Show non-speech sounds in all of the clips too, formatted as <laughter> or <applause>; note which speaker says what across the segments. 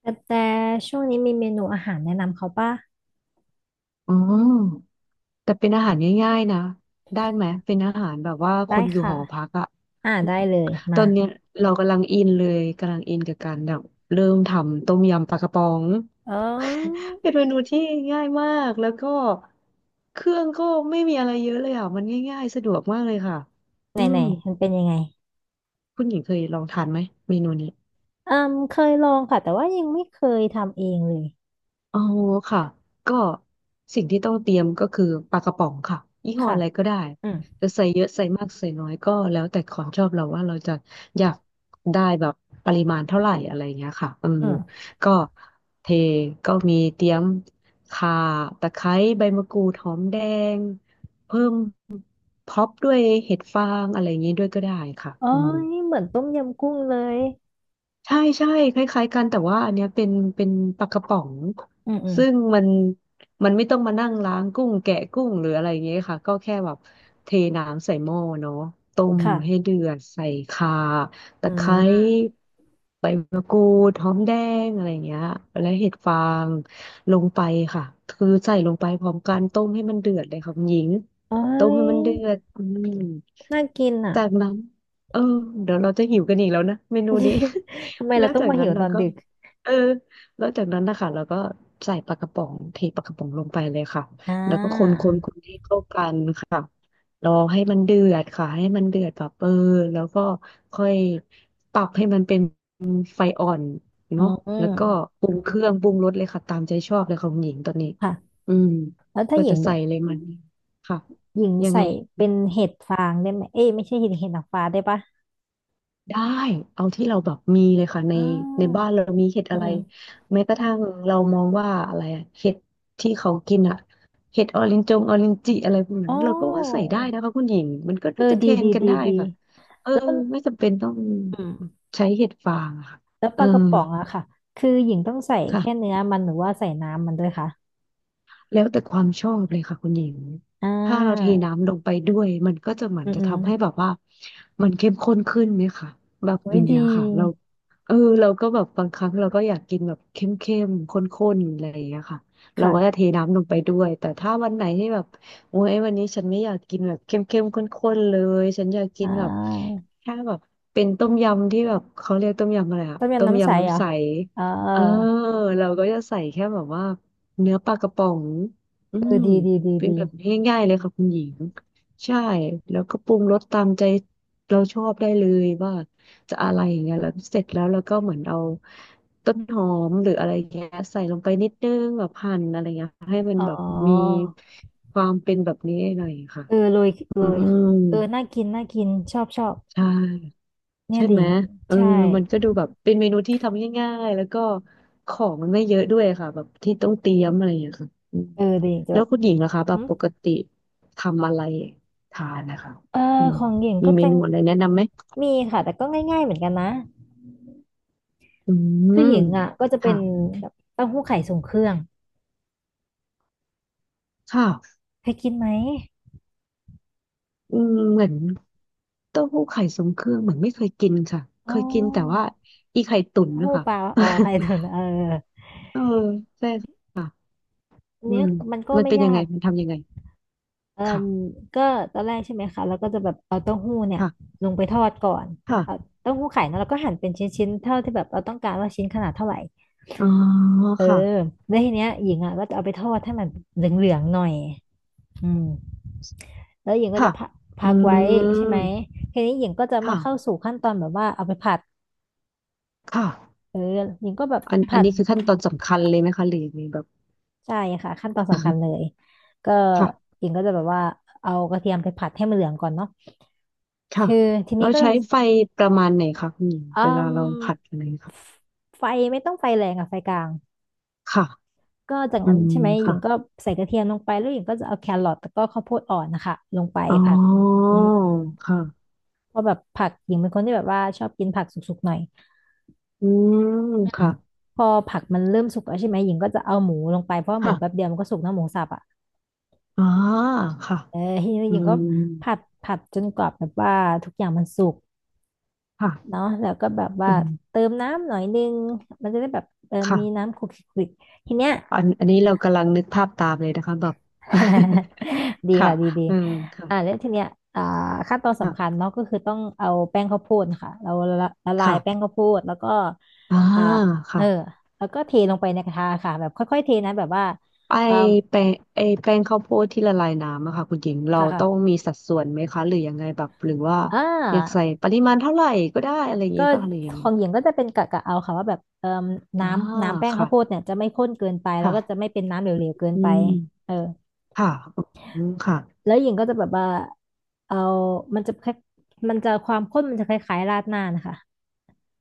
Speaker 1: แต่ช่วงนี้มีเมนูอาหารแนะนำเขาป่ะ
Speaker 2: อ๋อแต่เป็นอาหารง่ายๆนะ ได้ไหม เป็นอาหารแบบว่าค
Speaker 1: ได้
Speaker 2: นอยู่ห
Speaker 1: ค่ะ
Speaker 2: อพักอะ
Speaker 1: ได้เลย
Speaker 2: ตอ
Speaker 1: มา
Speaker 2: นเนี้ยเรากำลังอินเลยกำลังอินกับการแบบเริ่มทำต้มยำปลากระป๋อง
Speaker 1: เอ้
Speaker 2: เป็น
Speaker 1: ย
Speaker 2: เมนูที่ง่ายมาก แล้วก็เครื่องก็ไม่มีอะไรเยอะเลยอ่ะมันง่ายๆสะดวกมากเลยค่ะ
Speaker 1: ไหน
Speaker 2: อื
Speaker 1: ไหน
Speaker 2: ม
Speaker 1: มันเป็นยังไง
Speaker 2: คุณหญิงเคยลองทานไหมเมนูนี้
Speaker 1: อืมเคยลองค่ะแต่ว่ายังไม่เคยทำเองเลย
Speaker 2: อ๋อค่ะก็สิ่งที่ต้องเตรียมก็คือปลากระป๋องค่ะยี่ห้อ
Speaker 1: ค่ะ
Speaker 2: อะไรก็ได้
Speaker 1: อืม
Speaker 2: จะใส่เยอะใส่มากใส่น้อยก็แล้วแต่ความชอบเราว่าเราจะอยากได้แบบปริมาณเท่าไหร่อะไรอย่างเงี้ยค่ะอืม
Speaker 1: อืม
Speaker 2: ก็เทก็มีเตรียมข่าตะไคร้ใบมะกรูดหอมแดงเพิ่มพร็อพด้วยเห็ดฟางอะไรอย่างงี้ด้วยก็ได้ค่ะ
Speaker 1: เอ้
Speaker 2: อืม
Speaker 1: ยเหมือนต้มยำกุ้งเลย
Speaker 2: ใช่ใช่คล้ายๆกันแต่ว่าอันเนี้ยเป็นปลากระป๋อง
Speaker 1: อืมอืม
Speaker 2: ซึ่งมันไม่ต้องมานั่งล้างกุ้งแกะกุ้งหรืออะไรอย่างเงี้ยค่ะก็แค่แบบเทน้ำใส่หม้อเนาะต้มมให้
Speaker 1: ค่ะ
Speaker 2: เดือดใส่ข่าตะ
Speaker 1: อื
Speaker 2: ไคร้
Speaker 1: ม
Speaker 2: ใบมะกรูดหอมแดงอะไรอย่างเงี้ยและเห็ดฟางลงไปค่ะคือใส่ลงไปพร้อมกันต้มให้มันเดือดเลยค่ะคุณหญิง
Speaker 1: เอ้
Speaker 2: ต้ม
Speaker 1: ย
Speaker 2: ให้มันเดือดอืม
Speaker 1: น่ากินอ่ะ
Speaker 2: จากนั้นเออเดี๋ยวเราจะหิวกันอีกแล้วนะเมนูนี้
Speaker 1: <laughs> ทำไม
Speaker 2: แล้
Speaker 1: เรา
Speaker 2: ว
Speaker 1: ต้อง
Speaker 2: จาก
Speaker 1: มา
Speaker 2: นั้
Speaker 1: หิ
Speaker 2: น
Speaker 1: ว
Speaker 2: เรา
Speaker 1: ตอน
Speaker 2: ก็
Speaker 1: ดึก
Speaker 2: เออแล้วจากนั้นนะคะเราก็ใส่ปลากระป๋องเทปลากระป๋องลงไปเลยค่ะ
Speaker 1: อ่
Speaker 2: แล้วก็คนค
Speaker 1: า
Speaker 2: นคนให้เข้ากันค่ะรอให้มันเดือดค่ะให้มันเดือดแบบแล้วก็ค่อยปรับให้มันเป็นไฟอ่อน
Speaker 1: อื
Speaker 2: เนาะแล้วก็
Speaker 1: ม
Speaker 2: ปรุงเครื่องปรุงรสเลยค่ะตามใจชอบเลยของหญิงตอนนี้
Speaker 1: ค่ะ
Speaker 2: อืม
Speaker 1: แล้วถ้า
Speaker 2: ก็
Speaker 1: หญิ
Speaker 2: จะ
Speaker 1: งแบ
Speaker 2: ใส่
Speaker 1: บ
Speaker 2: เลยมันค่ะ
Speaker 1: หญิง
Speaker 2: ยัง
Speaker 1: ใส่
Speaker 2: ไง
Speaker 1: เป็นเห็ดฟางได้ไหมเอ้ยไม่ใช่เห็ดเห็ดหนังฟ้าได้ปะ
Speaker 2: ได้เอาที่เราแบบมีเลยค่ะใน
Speaker 1: อ่
Speaker 2: ใน
Speaker 1: า
Speaker 2: บ้านเรามีเห็ด
Speaker 1: อืม
Speaker 2: อะไร
Speaker 1: อืม
Speaker 2: แม้กระทั่งเรามองว่าอะไรอะเห็ดที่เขากินอะเห็ดออรินจงออรินจิอะไรพวกนั้
Speaker 1: อ๋อ
Speaker 2: นเราก็ว่าใส่ได้นะคะคุณหญิงมันก็
Speaker 1: เอ
Speaker 2: น่า
Speaker 1: อ
Speaker 2: จะเท
Speaker 1: ดี
Speaker 2: รน
Speaker 1: ดี
Speaker 2: กัน
Speaker 1: ดี
Speaker 2: ได้
Speaker 1: ดี
Speaker 2: ค่ะเออ
Speaker 1: แล้ว
Speaker 2: ไม่จำเป็นต้อง
Speaker 1: อืม
Speaker 2: ใช้เห็ดฟางอะค่ะ
Speaker 1: แล้ว
Speaker 2: เอ
Speaker 1: ป
Speaker 2: อ
Speaker 1: ลากระป๋องอะค่ะคือหญิงต้องใส่แค่
Speaker 2: ค่ะ
Speaker 1: เนื้อมันหรือว่าใส่น้ำมันด้วยคะ
Speaker 2: แล้วแต่ความชอบเลยค่ะคุณหญิง
Speaker 1: อ่
Speaker 2: ถ้าเราเท
Speaker 1: า
Speaker 2: น้ำลงไปด้วยมันก็จะเหมือ
Speaker 1: อื
Speaker 2: น
Speaker 1: ม
Speaker 2: จะ
Speaker 1: อืม
Speaker 2: ทำให้แบบว่ามันเข้มข้นขึ้นไหมคะแบบ
Speaker 1: ไว้
Speaker 2: อ
Speaker 1: ย
Speaker 2: ย่างเงี้ย
Speaker 1: ดี
Speaker 2: ค่ะเราเราก็แบบบางครั้งเราก็อยากกินแบบเข้มเข้มข้นข้นๆอะไรอย่างเงี้ยค่ะเรา
Speaker 1: ค่ะ
Speaker 2: ก็จะเทน้ำลงไปด้วยแต่ถ้าวันไหนที่แบบโอ้ยวันนี้ฉันไม่อยากกินแบบเข้มเข้มข้นข้นๆเลยฉันอยากกิ
Speaker 1: อ่
Speaker 2: นแบบ
Speaker 1: า
Speaker 2: แค่แบบเป็นต้มยำที่แบบเขาเรียกต้มยำอะไรอะ
Speaker 1: ต้ม
Speaker 2: ต้
Speaker 1: ยำ
Speaker 2: ม
Speaker 1: น้ำใส
Speaker 2: ยำ
Speaker 1: เหรอ
Speaker 2: น้ำใส
Speaker 1: เออ
Speaker 2: เออเราก็จะใส่แค่แบบว่า เนื้อปลากระป๋องอื
Speaker 1: เอ
Speaker 2: ม
Speaker 1: อดีดีดี
Speaker 2: เป็น
Speaker 1: ดี
Speaker 2: แบบง่ายๆเลยค่ะคุณหญิง ใช่ แล้วก็ปรุงรสตามใจเราชอบได้เลยว่าจะอะไรอย่างเงี้ยแล้วเสร็จแล้วเราก็เหมือนเอาต้นหอมหรืออะไรอย่างเงี้ยใส่ลงไปนิดนึงแบบหั่นอะไรเงี้ยให้มัน
Speaker 1: อ๋อ
Speaker 2: แบบมีความเป็นแบบนี้หน่อยค่ะ
Speaker 1: เออโรยโร
Speaker 2: อื
Speaker 1: ย
Speaker 2: ม
Speaker 1: เออน่ากินน่ากินชอบชอบ
Speaker 2: ใช่
Speaker 1: เนี่
Speaker 2: ใช่
Speaker 1: ยดิ
Speaker 2: ไห
Speaker 1: ห
Speaker 2: ม
Speaker 1: ญิง
Speaker 2: เออ
Speaker 1: ใช่
Speaker 2: มันก็ดูแบบเป็นเมนูที่ทำง่ายๆแล้วก็ของมันไม่เยอะด้วยค่ะแบบที่ต้องเตรียมอะไรอย่างเงี้ยค่ะอืม
Speaker 1: เออดิหญิงจะ
Speaker 2: แล้
Speaker 1: แบ
Speaker 2: ว
Speaker 1: บ
Speaker 2: คุณหญิงนะคะแบ
Speaker 1: หึ
Speaker 2: บปกติทำอะไรทานนะคะ
Speaker 1: เออ
Speaker 2: อืม
Speaker 1: ของหญิง
Speaker 2: มี
Speaker 1: ก็
Speaker 2: เม
Speaker 1: จะ
Speaker 2: นูอะไรแนะนำไหม
Speaker 1: มีค่ะแต่ก็ง่ายๆเหมือนกันนะ
Speaker 2: อืม
Speaker 1: คือหญิงอ่ะก็จะเป็
Speaker 2: ค่ะ
Speaker 1: นแบบเต้าหู้ไข่ทรงเครื่อง
Speaker 2: ค่ะ
Speaker 1: เคยกินไหม
Speaker 2: อืมเหมือนเต้าหู้ไข่ทรงเครื่องเหมือนไม่เคยกินค่ะเค
Speaker 1: อ๋อ
Speaker 2: ยกินแต่ว่าอีไข่ตุ๋น
Speaker 1: เต้า
Speaker 2: นะ
Speaker 1: หู้
Speaker 2: คะ
Speaker 1: ปลาอ๋อไข่
Speaker 2: <laughs>
Speaker 1: ตุ๋นเออ
Speaker 2: เออใช่ค่ะ
Speaker 1: อัน
Speaker 2: อื
Speaker 1: เนี้ย
Speaker 2: ม
Speaker 1: มันก็
Speaker 2: มัน
Speaker 1: ไม่
Speaker 2: เป็นยัง
Speaker 1: ยา
Speaker 2: ไง
Speaker 1: ก
Speaker 2: มันทำยังไง
Speaker 1: เอ่
Speaker 2: ค่ะ
Speaker 1: มก็ตอนแรกใช่ไหมคะแล้วก็จะแบบเอาเต้าหู้เนี่ย
Speaker 2: ค่ะ
Speaker 1: ลงไปทอดก่อน
Speaker 2: ค่ะ
Speaker 1: เอาเต้าหู้ไข่นะแล้วก็หั่นเป็นชิ้นๆเท่าที่แบบเราต้องการว่าชิ้นขนาดเท่าไหร่
Speaker 2: อ๋อ
Speaker 1: เออ
Speaker 2: ค่ะ
Speaker 1: แล้วทีเนี้ยหญิงอ่ะก็จะเอาไปทอดให้มันเหลืองๆหน่อยอืมแล้วหญิงก็
Speaker 2: ค่ะ
Speaker 1: จะพัก
Speaker 2: อื
Speaker 1: พักไว้ใช่ไหม
Speaker 2: ม
Speaker 1: ทีนี้หญิงก็จะมาเข้า
Speaker 2: ค่ะ
Speaker 1: สู่ขั้นตอนแบบว่าเอาไปผัด
Speaker 2: ค่ะ
Speaker 1: เออหญิงก็แบบ
Speaker 2: อันอั
Speaker 1: ผั
Speaker 2: น
Speaker 1: ด
Speaker 2: นี้คือขั้นตอนสำคัญเลยไหมคะหรือยังไงแบบ
Speaker 1: ใช่ค่ะขั้นตอนสำคัญเลยก็
Speaker 2: ค่ะ
Speaker 1: หญิงก็จะแบบว่าเอากระเทียมไปผัดให้มันเหลืองก่อนเนาะ
Speaker 2: ค่ะ
Speaker 1: คือทีนี้
Speaker 2: เรา
Speaker 1: ก็จะ
Speaker 2: ใช้ไฟประมาณไหนคะคุณหญิงเว
Speaker 1: อื
Speaker 2: ลา
Speaker 1: ม
Speaker 2: เราผัดอะไรค่ะ
Speaker 1: ไฟไม่ต้องไฟแรงอะไฟกลาง
Speaker 2: ค่ะ
Speaker 1: ก็จาก
Speaker 2: อื
Speaker 1: นั้น
Speaker 2: ม
Speaker 1: ใช่ไหมหญิงก็
Speaker 2: ค่ะ
Speaker 1: ใส่กระเทียมลงไปแล้วหญิงก็จะเอาแครอทแล้วก็ข้าวโพดอ่อนนะคะลงไป
Speaker 2: อ๋
Speaker 1: ผัด
Speaker 2: อ
Speaker 1: อืม
Speaker 2: ค่ะ
Speaker 1: เพราะแบบผักหญิงเป็นคนที่แบบว่าชอบกินผักสุกๆหน่อย
Speaker 2: อืม
Speaker 1: อืม
Speaker 2: ค่ะ
Speaker 1: พอผักมันเริ่มสุกแล้วใช่ไหมหญิงก็จะเอาหมูลงไปเพราะว่าหมู
Speaker 2: ค่ะ
Speaker 1: แป๊บเดียวมันก็สุกนะหมูสับอะ
Speaker 2: อ่าค่ะ
Speaker 1: เออทีนี้
Speaker 2: อื
Speaker 1: หญิงก็
Speaker 2: ม
Speaker 1: ผัดจนกว่าแบบว่าทุกอย่างมันสุกเนาะ
Speaker 2: ค่ะ
Speaker 1: แล้วก็แบบว่า
Speaker 2: อืม
Speaker 1: เติมน้ำหน่อยนึงมันจะได้แบบเออมี
Speaker 2: ค่ะ
Speaker 1: น้ำคลุกคลิกคลิกทีเนี้ย
Speaker 2: อันนี้เรากำลังนึกภาพตามเลยนะคะแบบ
Speaker 1: <laughs> ดี
Speaker 2: <laughs> ค่ะ
Speaker 1: ค่ะดีดี
Speaker 2: อืม
Speaker 1: แล้
Speaker 2: ค่ะ
Speaker 1: วทีเนี้ยอ่าขั้นตอน
Speaker 2: ค่ะ
Speaker 1: สำคัญเนาะก็คือต้องเอาแป้งข้าวโพดค่ะเราละละลายแป้ง
Speaker 2: ค่ะ
Speaker 1: ข้าวโพดแล้วก็
Speaker 2: อ่า
Speaker 1: อ่าเออ
Speaker 2: ค่ะ
Speaker 1: แล้วก็เทลงไปในกระทะค่ะแบบค่อยๆเทนะแบบว่า
Speaker 2: ไอ
Speaker 1: อ่า
Speaker 2: แปลงไอแปลงข้าวโพดที่ละลายน้ำอะค่ะคุณหญิงเรา
Speaker 1: ค่ะ
Speaker 2: ต้อง
Speaker 1: ค่ะ
Speaker 2: มีสัดส่วนไหมคะหรือยังไงแบบหรือว่า
Speaker 1: อ่
Speaker 2: อยากใส่
Speaker 1: า
Speaker 2: ปริมาณเท่าไหร่ก็ได้อะไรอย่าง
Speaker 1: ก็
Speaker 2: งี้ป่ะหรือยัง
Speaker 1: ข
Speaker 2: ไง
Speaker 1: องหญิงก็จะเป็นกะเอาค่ะว่าแบบ
Speaker 2: อ่า
Speaker 1: น้ำแป้งข้า
Speaker 2: ค่ะ
Speaker 1: วโพดเนี่ยจะไม่ข้นเกินไปแล้ว
Speaker 2: ค่ะ
Speaker 1: ก็จะไม่เป็นน้ำเหลวๆเกิน
Speaker 2: อื
Speaker 1: ไป
Speaker 2: ม
Speaker 1: เออ
Speaker 2: ค่ะอืมค่ะ
Speaker 1: แล้วหญิงก็จะแบบว่าเอามันจะแา่มันจะความข้นมันจะคล้ายๆราดหน้านะคะ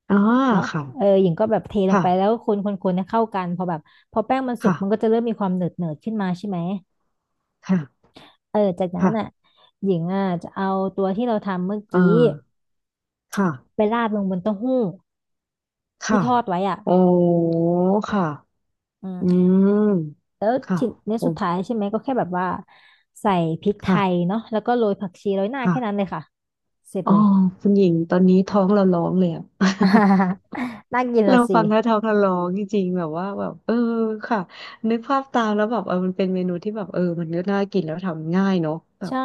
Speaker 2: อ่า
Speaker 1: เนาะ
Speaker 2: ค่ะ
Speaker 1: เออหญิงก็แบบเทลงไปแล้ว
Speaker 2: ค่ะ
Speaker 1: คนให้เข้ากันพอแบบพอแป้งมันสุกมันก็
Speaker 2: ค่ะ
Speaker 1: จะเริ่มมีความหนืดหนืดขึ้นมาใช่ไหม
Speaker 2: ค่ะ
Speaker 1: เออจากนั้นอ่ะ
Speaker 2: ค่ะ
Speaker 1: หญิงอ่ะจะเอาตัวที่เราทำเมื่อ
Speaker 2: อ่า
Speaker 1: กี้
Speaker 2: ค่ะ
Speaker 1: ไปราดลงบนเต้าหู้ที่
Speaker 2: ค่ะ
Speaker 1: ทอดไว้อ่ะ
Speaker 2: โอ้ค่ะ
Speaker 1: อื
Speaker 2: อื
Speaker 1: ม
Speaker 2: ม
Speaker 1: แล้ว
Speaker 2: ค่ะ
Speaker 1: ทีใน
Speaker 2: โอ้
Speaker 1: สุดท้ายใช่ไหมก็แค่แบบว่าใส่พริกไทย
Speaker 2: ค่ะ
Speaker 1: เนาะแล้วก็โรยผักชีโรยหน้า
Speaker 2: ค่ะ
Speaker 1: แค่นั้นเลยค่ะเสร็จ
Speaker 2: อ๋อ
Speaker 1: เลย
Speaker 2: คุณหญิงตอนนี้ท้องเราร้องเลยอะ
Speaker 1: <laughs> อ่า
Speaker 2: <laughs>
Speaker 1: <laughs> น่ากินละ
Speaker 2: เรา
Speaker 1: สิ
Speaker 2: ฟังแล้วท้องทะลองจริงๆแบบว่าแบบค่ะนึกภาพตามแล้วแบบมันเป็นเมนูที่แบบมันก็น่ากินแล้วทำง่ายเนาะแบบ
Speaker 1: ใช่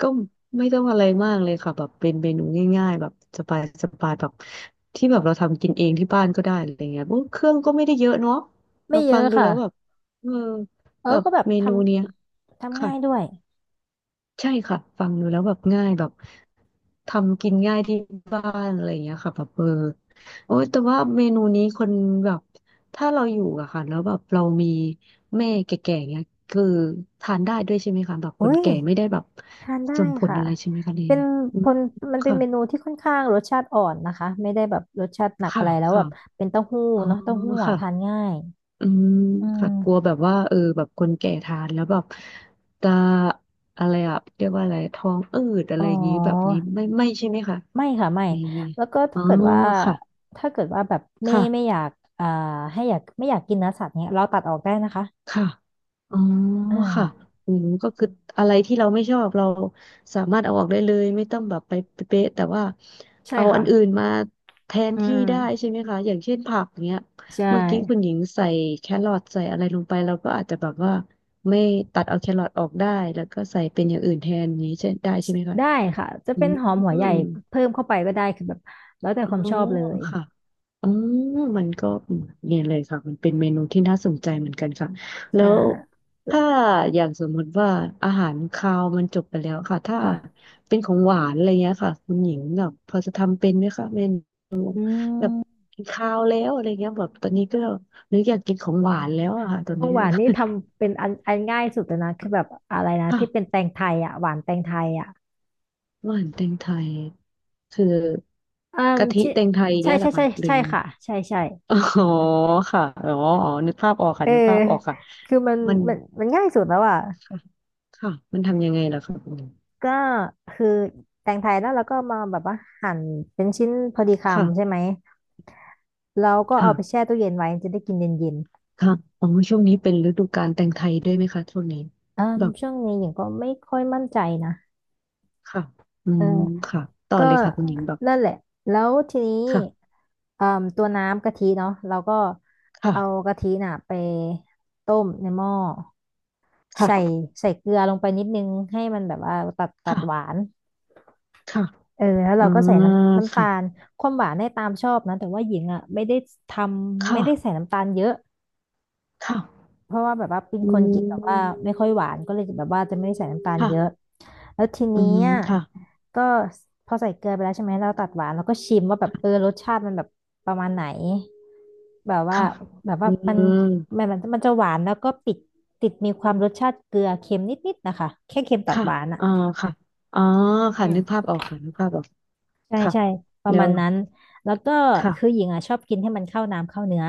Speaker 2: ก็ไม่ต้องอะไรมากเลยค่ะแบบเป็นเมนูง่ายๆแบบสบายสบายแบบที่แบบเราทำกินเองที่บ้านก็ได้อะไรเงี้ยโอ้เครื่องก็ไม่ได้เยอะเนาะเรา
Speaker 1: ไม่เย
Speaker 2: ฟั
Speaker 1: อะ
Speaker 2: งดู
Speaker 1: ค่ะ
Speaker 2: แล้วแบบเออ
Speaker 1: เออ
Speaker 2: แบบ
Speaker 1: ก็แบบ
Speaker 2: เม
Speaker 1: ท
Speaker 2: นูเนี้ย
Speaker 1: ำทำ
Speaker 2: ค่ะ
Speaker 1: ง่ายด้วย
Speaker 2: ใช่ค่ะฟังดูแล้วแบบง่ายแบบทำกินง่ายที่บ้านอะไรอย่างเงี้ยค่ะแบบโอ้ยแต่ว่าเมนูนี้คนแบบถ้าเราอยู่อะค่ะแล้วแบบเรามีแม่แก่ๆเงี้ยคือทานได้ด้วยใช่ไหมคะแบบค
Speaker 1: อุ้
Speaker 2: น
Speaker 1: ย
Speaker 2: แก่ไม่ได้แบบ
Speaker 1: ทานได้
Speaker 2: ส่งผล
Speaker 1: ค่ะ
Speaker 2: อะไรใช่ไหมคะเอ
Speaker 1: เป็
Speaker 2: ง
Speaker 1: น
Speaker 2: อื
Speaker 1: ผ
Speaker 2: ม
Speaker 1: ลมันเป็นเมนู
Speaker 2: ค่ะ
Speaker 1: ที่ค่อนข้างรสชาติอ่อนนะคะไม่ได้แบบรสชาติหนัก
Speaker 2: ค่ะ
Speaker 1: อะไรแล้วแบ
Speaker 2: ค่ะ
Speaker 1: บเป็นเต้าหู้
Speaker 2: อ๋อ
Speaker 1: เนาะเต้าหู้อะ
Speaker 2: ค่ะ
Speaker 1: ทานง่าย
Speaker 2: อืม
Speaker 1: อื
Speaker 2: ค่ะกลัว
Speaker 1: ม
Speaker 2: แบบว่าแบบคนแก่ทานแล้วแบบจะอะไรอะเรียกว่าอะไรท้องอืดอะ
Speaker 1: อ๋
Speaker 2: ไรอย่างงี้แบบ
Speaker 1: อ
Speaker 2: นี้ไม่ใช่ไหมคะ
Speaker 1: ไม่ค่ะไม่
Speaker 2: ยังไง
Speaker 1: แล้วก็
Speaker 2: อ๋
Speaker 1: ถ้า
Speaker 2: อ
Speaker 1: เกิดว่า
Speaker 2: ค่ะ
Speaker 1: ถ้าเกิดว่าแบบไม่อ
Speaker 2: ค่ะ
Speaker 1: ยากอ่าให้อยากไม่อยากกินเนื้อสัตว์เนี้ยเราตัดออกได้นะคะ
Speaker 2: ค่ะอ๋อ
Speaker 1: อ
Speaker 2: ค่ะ
Speaker 1: ่า
Speaker 2: อืมก็คืออะไรที่เราไม่ชอบเราสามารถเอาออกได้เลยไม่ต้องแบบไปเป๊ะๆแต่ว่า
Speaker 1: ใช่
Speaker 2: เอาอั
Speaker 1: ค่ะ
Speaker 2: นอื่นมาแทน
Speaker 1: อื
Speaker 2: ที่ได้
Speaker 1: ม
Speaker 2: ใช่ไหมคะอย่างเช่นผักเนี้ย
Speaker 1: ใช่
Speaker 2: เมื่อกี้คุณหญิงใส่แครอทใส่อะไรลงไปเราก็อาจจะแบบว่าไม่ตัดเอาแครอทออกได้แล้วก็ใส่เป็นอย่างอื่นแทนอย่างนี้ใช่ได้ใช่ไหมคะ
Speaker 1: ได้ค่ะจะ
Speaker 2: อื
Speaker 1: เป็นหอม
Speaker 2: ม
Speaker 1: หัวใหญ่เพิ่มเข้าไปก็ได้คือแบบแล้วแต่
Speaker 2: อ๋อ
Speaker 1: ความชอบเลย
Speaker 2: ค่ะ อ๋อมันก็เนี่ยเลยค่ะมันเป็นเมนูที่น่าสนใจเหมือนกันค่ะแล้
Speaker 1: ใช่
Speaker 2: วถ้าอย่างสมมติว่าอาหารคาวมันจบไปแล้วค่ะถ้า
Speaker 1: ค่ะ
Speaker 2: เป็นของหวานอะไรเงี้ยค่ะคุณหญิงแบบพอจะทำเป็นไหมคะเป็น
Speaker 1: อื
Speaker 2: แบ
Speaker 1: ม
Speaker 2: บกินคาวแล้วอะไรเงี้ยแบบตอนนี้ก็หรืออยากกินของหวานแล้วอะค่ะตอ
Speaker 1: ข
Speaker 2: น
Speaker 1: อ
Speaker 2: นี้
Speaker 1: งหวานนี่ทำเป็นอันง่ายสุดแล้วนะคือแบบอะไรนะ
Speaker 2: <laughs> ค่ะ
Speaker 1: ที่เป็นแตงไทยอ่ะหวานแตงไทยอ่ะ
Speaker 2: หวานแตงไทยคือ
Speaker 1: อืม
Speaker 2: กะทิ
Speaker 1: ที่
Speaker 2: แตงไทย
Speaker 1: ใช่
Speaker 2: เงี้ยเหร
Speaker 1: ใช่
Speaker 2: อคะ
Speaker 1: ใช่
Speaker 2: หรื
Speaker 1: ใช่
Speaker 2: อ
Speaker 1: ค่ะใช่ใช่
Speaker 2: อ๋อค่ะอ๋ออ๋อนึกภาพออกค่ะ
Speaker 1: เออ
Speaker 2: นึกภาพออกค่ะ
Speaker 1: คือมัน
Speaker 2: มัน
Speaker 1: มันมันง่ายสุดแล้วอ่ะ
Speaker 2: ค่ะค่ะมันทำยังไงล่ะคะคุณหญิง
Speaker 1: ก็คือแตงไทยแล้วเราก็มาแบบว่าหั่นเป็นชิ้นพอดีคำใช่
Speaker 2: ค่ะ
Speaker 1: ไหม เราก็
Speaker 2: ค่ะ
Speaker 1: เอาไปแช่ตู้เย็นไว้จะได้กินเย็น
Speaker 2: ค่ะอ๋อช่วงนี้เป็นฤดูกาลแตงไทยด้วยไหมคะช่วงนี้
Speaker 1: ๆอืม
Speaker 2: แบบ
Speaker 1: ช่วงนี้หญิงก็ไม่ค่อยมั่นใจนะ
Speaker 2: ค่ะอื
Speaker 1: เออ
Speaker 2: มค่ะต่อ
Speaker 1: ก็
Speaker 2: เลยค่ะคุณหญิงแบบ
Speaker 1: นั่นแหละ แล้วทีนี้
Speaker 2: ค่ะ
Speaker 1: เอ่มตัวน้ำกะทิเนาะเราก็เอา
Speaker 2: ค่ะ
Speaker 1: กะทิน่ะไปต้มในหม้อใส่
Speaker 2: ค่ะ
Speaker 1: ใส่เกลือลงไปนิดนึงให้มันแบบว่าตัดตัด
Speaker 2: ค่ะ
Speaker 1: หวาน
Speaker 2: ค่ะ
Speaker 1: เออแล้ว
Speaker 2: อื
Speaker 1: เราก็ใส่
Speaker 2: ม
Speaker 1: น้ำตาล
Speaker 2: ค่ะ
Speaker 1: ความหวานได้ตามชอบนะแต่ว่าหญิงอ่ะไม่ได้ทไม่ได้ใส่
Speaker 2: ค่ะ
Speaker 1: น้ำตาลเยอะ
Speaker 2: ค่ะ
Speaker 1: เพราะว่าแบบว่าเป็น
Speaker 2: อื
Speaker 1: คนกินแบบว่า
Speaker 2: ม
Speaker 1: ไม่ค่อยหวานก็เลยแบบว่าจะไม่ได้ใส่น้ำตาล
Speaker 2: ค่ะ
Speaker 1: เยอะแล้วที
Speaker 2: อื
Speaker 1: นี้
Speaker 2: ม
Speaker 1: อ่ะ
Speaker 2: ค่ะ
Speaker 1: ก็พอใส่เกลือไปแล้วใช่ไหมเราตัดหวานแล้วก็ชิมว่าแบบเออรสชาติมันแบบประมาณไหนแบบว่า
Speaker 2: ค่ะ
Speaker 1: แบบว่า
Speaker 2: อื
Speaker 1: มัน
Speaker 2: ม
Speaker 1: มันมันมันจะหวานแล้วก็ติดติดมีความรสชาติเกลือเค็มนิดๆนะคะแค่เค็มตัด
Speaker 2: ค่ะ
Speaker 1: หวานอ่ะ
Speaker 2: อ่าค่ะอ๋อค่ะ
Speaker 1: อืม
Speaker 2: นึกภาพออกค่ะนึกภาพออก
Speaker 1: ใช่
Speaker 2: ค่ะ
Speaker 1: ใช่ประ
Speaker 2: เดี๋ย
Speaker 1: มา
Speaker 2: ว
Speaker 1: ณนั้นแล้วก็คือหญิ
Speaker 2: ค่ะ
Speaker 1: งอ่ะชอบกินให้มันเข้าน้ำเข้าเนื้อ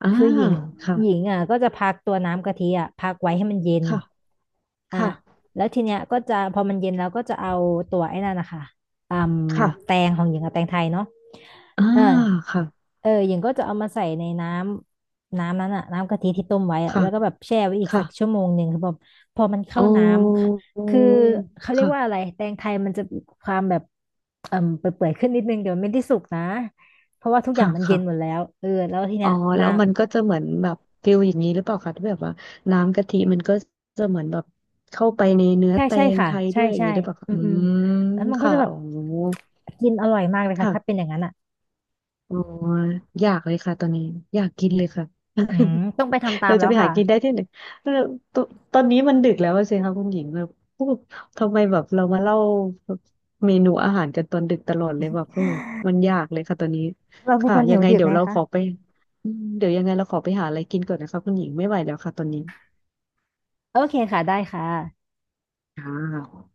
Speaker 2: อ่า
Speaker 1: คือหญิง
Speaker 2: ค่ะ
Speaker 1: หญิงอ่ะก็จะพักตัวน้ำกะทิอ่ะพักไว้ให้มันเย็น
Speaker 2: ค่ะ
Speaker 1: อ่ะ
Speaker 2: ค่ะ
Speaker 1: แล้วทีเนี้ยก็จะพอมันเย็นแล้วก็จะเอาตัวไอ้นั่นนะคะอืม
Speaker 2: ค่ะ
Speaker 1: แตงของหญิงกับแตงไทยเนาะ
Speaker 2: อ่า
Speaker 1: เออ
Speaker 2: ค่ะ
Speaker 1: เออหญิงก็จะเอามาใส่ในน้ำนั้นอะน้ำกะทิที่ต้มไว้อะ
Speaker 2: ค่ะ
Speaker 1: แล้วก็แบบแช่ไว้อีก
Speaker 2: ค่ะ
Speaker 1: สัก1 ชั่วโมงคือแบบพอมันเข้า
Speaker 2: โอ้
Speaker 1: น้
Speaker 2: อ
Speaker 1: ำคือเขาเรียกว่า
Speaker 2: ค่ะ
Speaker 1: อะไรแตงไทยมันจะมีความแบบเอ่มเปื่อยๆขึ้นนิดนึงเดี๋ยวมันไม่ได้สุกนะเพราะว่าทุกอย่า
Speaker 2: ค่ะ
Speaker 1: งมันเย็นหมดแล้
Speaker 2: ค่ะ
Speaker 1: วเออแล้วที
Speaker 2: อ๋
Speaker 1: เนี้
Speaker 2: อ
Speaker 1: ยน้
Speaker 2: แล้วมันก็จะเหมือนแบบฟิลอย่างนี้หรือเปล่าคะที่แบบว่าน้ำกะทิมันก็จะเหมือนแบบเข้าไปในเนื้
Speaker 1: ำ
Speaker 2: อ
Speaker 1: ใช่
Speaker 2: แต
Speaker 1: ใช่
Speaker 2: ง
Speaker 1: ค่ะ
Speaker 2: ไทย
Speaker 1: ใช่
Speaker 2: ด้วยอย่าง
Speaker 1: ใช่
Speaker 2: นี้หรือเปล่าคะ
Speaker 1: อืม
Speaker 2: อื
Speaker 1: อืม
Speaker 2: ม
Speaker 1: แล้วมันก็
Speaker 2: ค่ะ
Speaker 1: จะแบบ
Speaker 2: อ๋อ
Speaker 1: กินอร่อยมากเลยค่ะถ้าเป็น
Speaker 2: ค่ะ
Speaker 1: อย่างนั้นอะ
Speaker 2: อ๋ออยากเลยค่ะตอนนี้อยากกินเลยค่ะ
Speaker 1: อืมต้องไปทำ
Speaker 2: <laughs>
Speaker 1: ตาม
Speaker 2: เรา
Speaker 1: แล้
Speaker 2: จะ
Speaker 1: ว
Speaker 2: ไปหา
Speaker 1: ค่ะ
Speaker 2: กินได้ที่ไหนเออตตอนนี้มันดึกแล้วอะสิคะคุณหญิงแบบโอ้ทำไมแบบเรามาเล่าเมนูอาหารกันตอนดึกตลอดเลยแบบโอ้มันยากเลยค่ะตอนนี้
Speaker 1: เราเป็น
Speaker 2: ค่ะ
Speaker 1: คน
Speaker 2: ยั
Speaker 1: หิ
Speaker 2: ง
Speaker 1: ว
Speaker 2: ไง
Speaker 1: ดึก
Speaker 2: เดี๋ย
Speaker 1: ไง
Speaker 2: วเรา
Speaker 1: คะ
Speaker 2: ขอไปอืมเดี๋ยวยังไงเราขอไปหาอะไรกินก่อนนะคะคุณหญิงไม่ไหวแล้วค่ะตอนนี้
Speaker 1: โอเคค่ะได้ค่ะ
Speaker 2: ค่ะ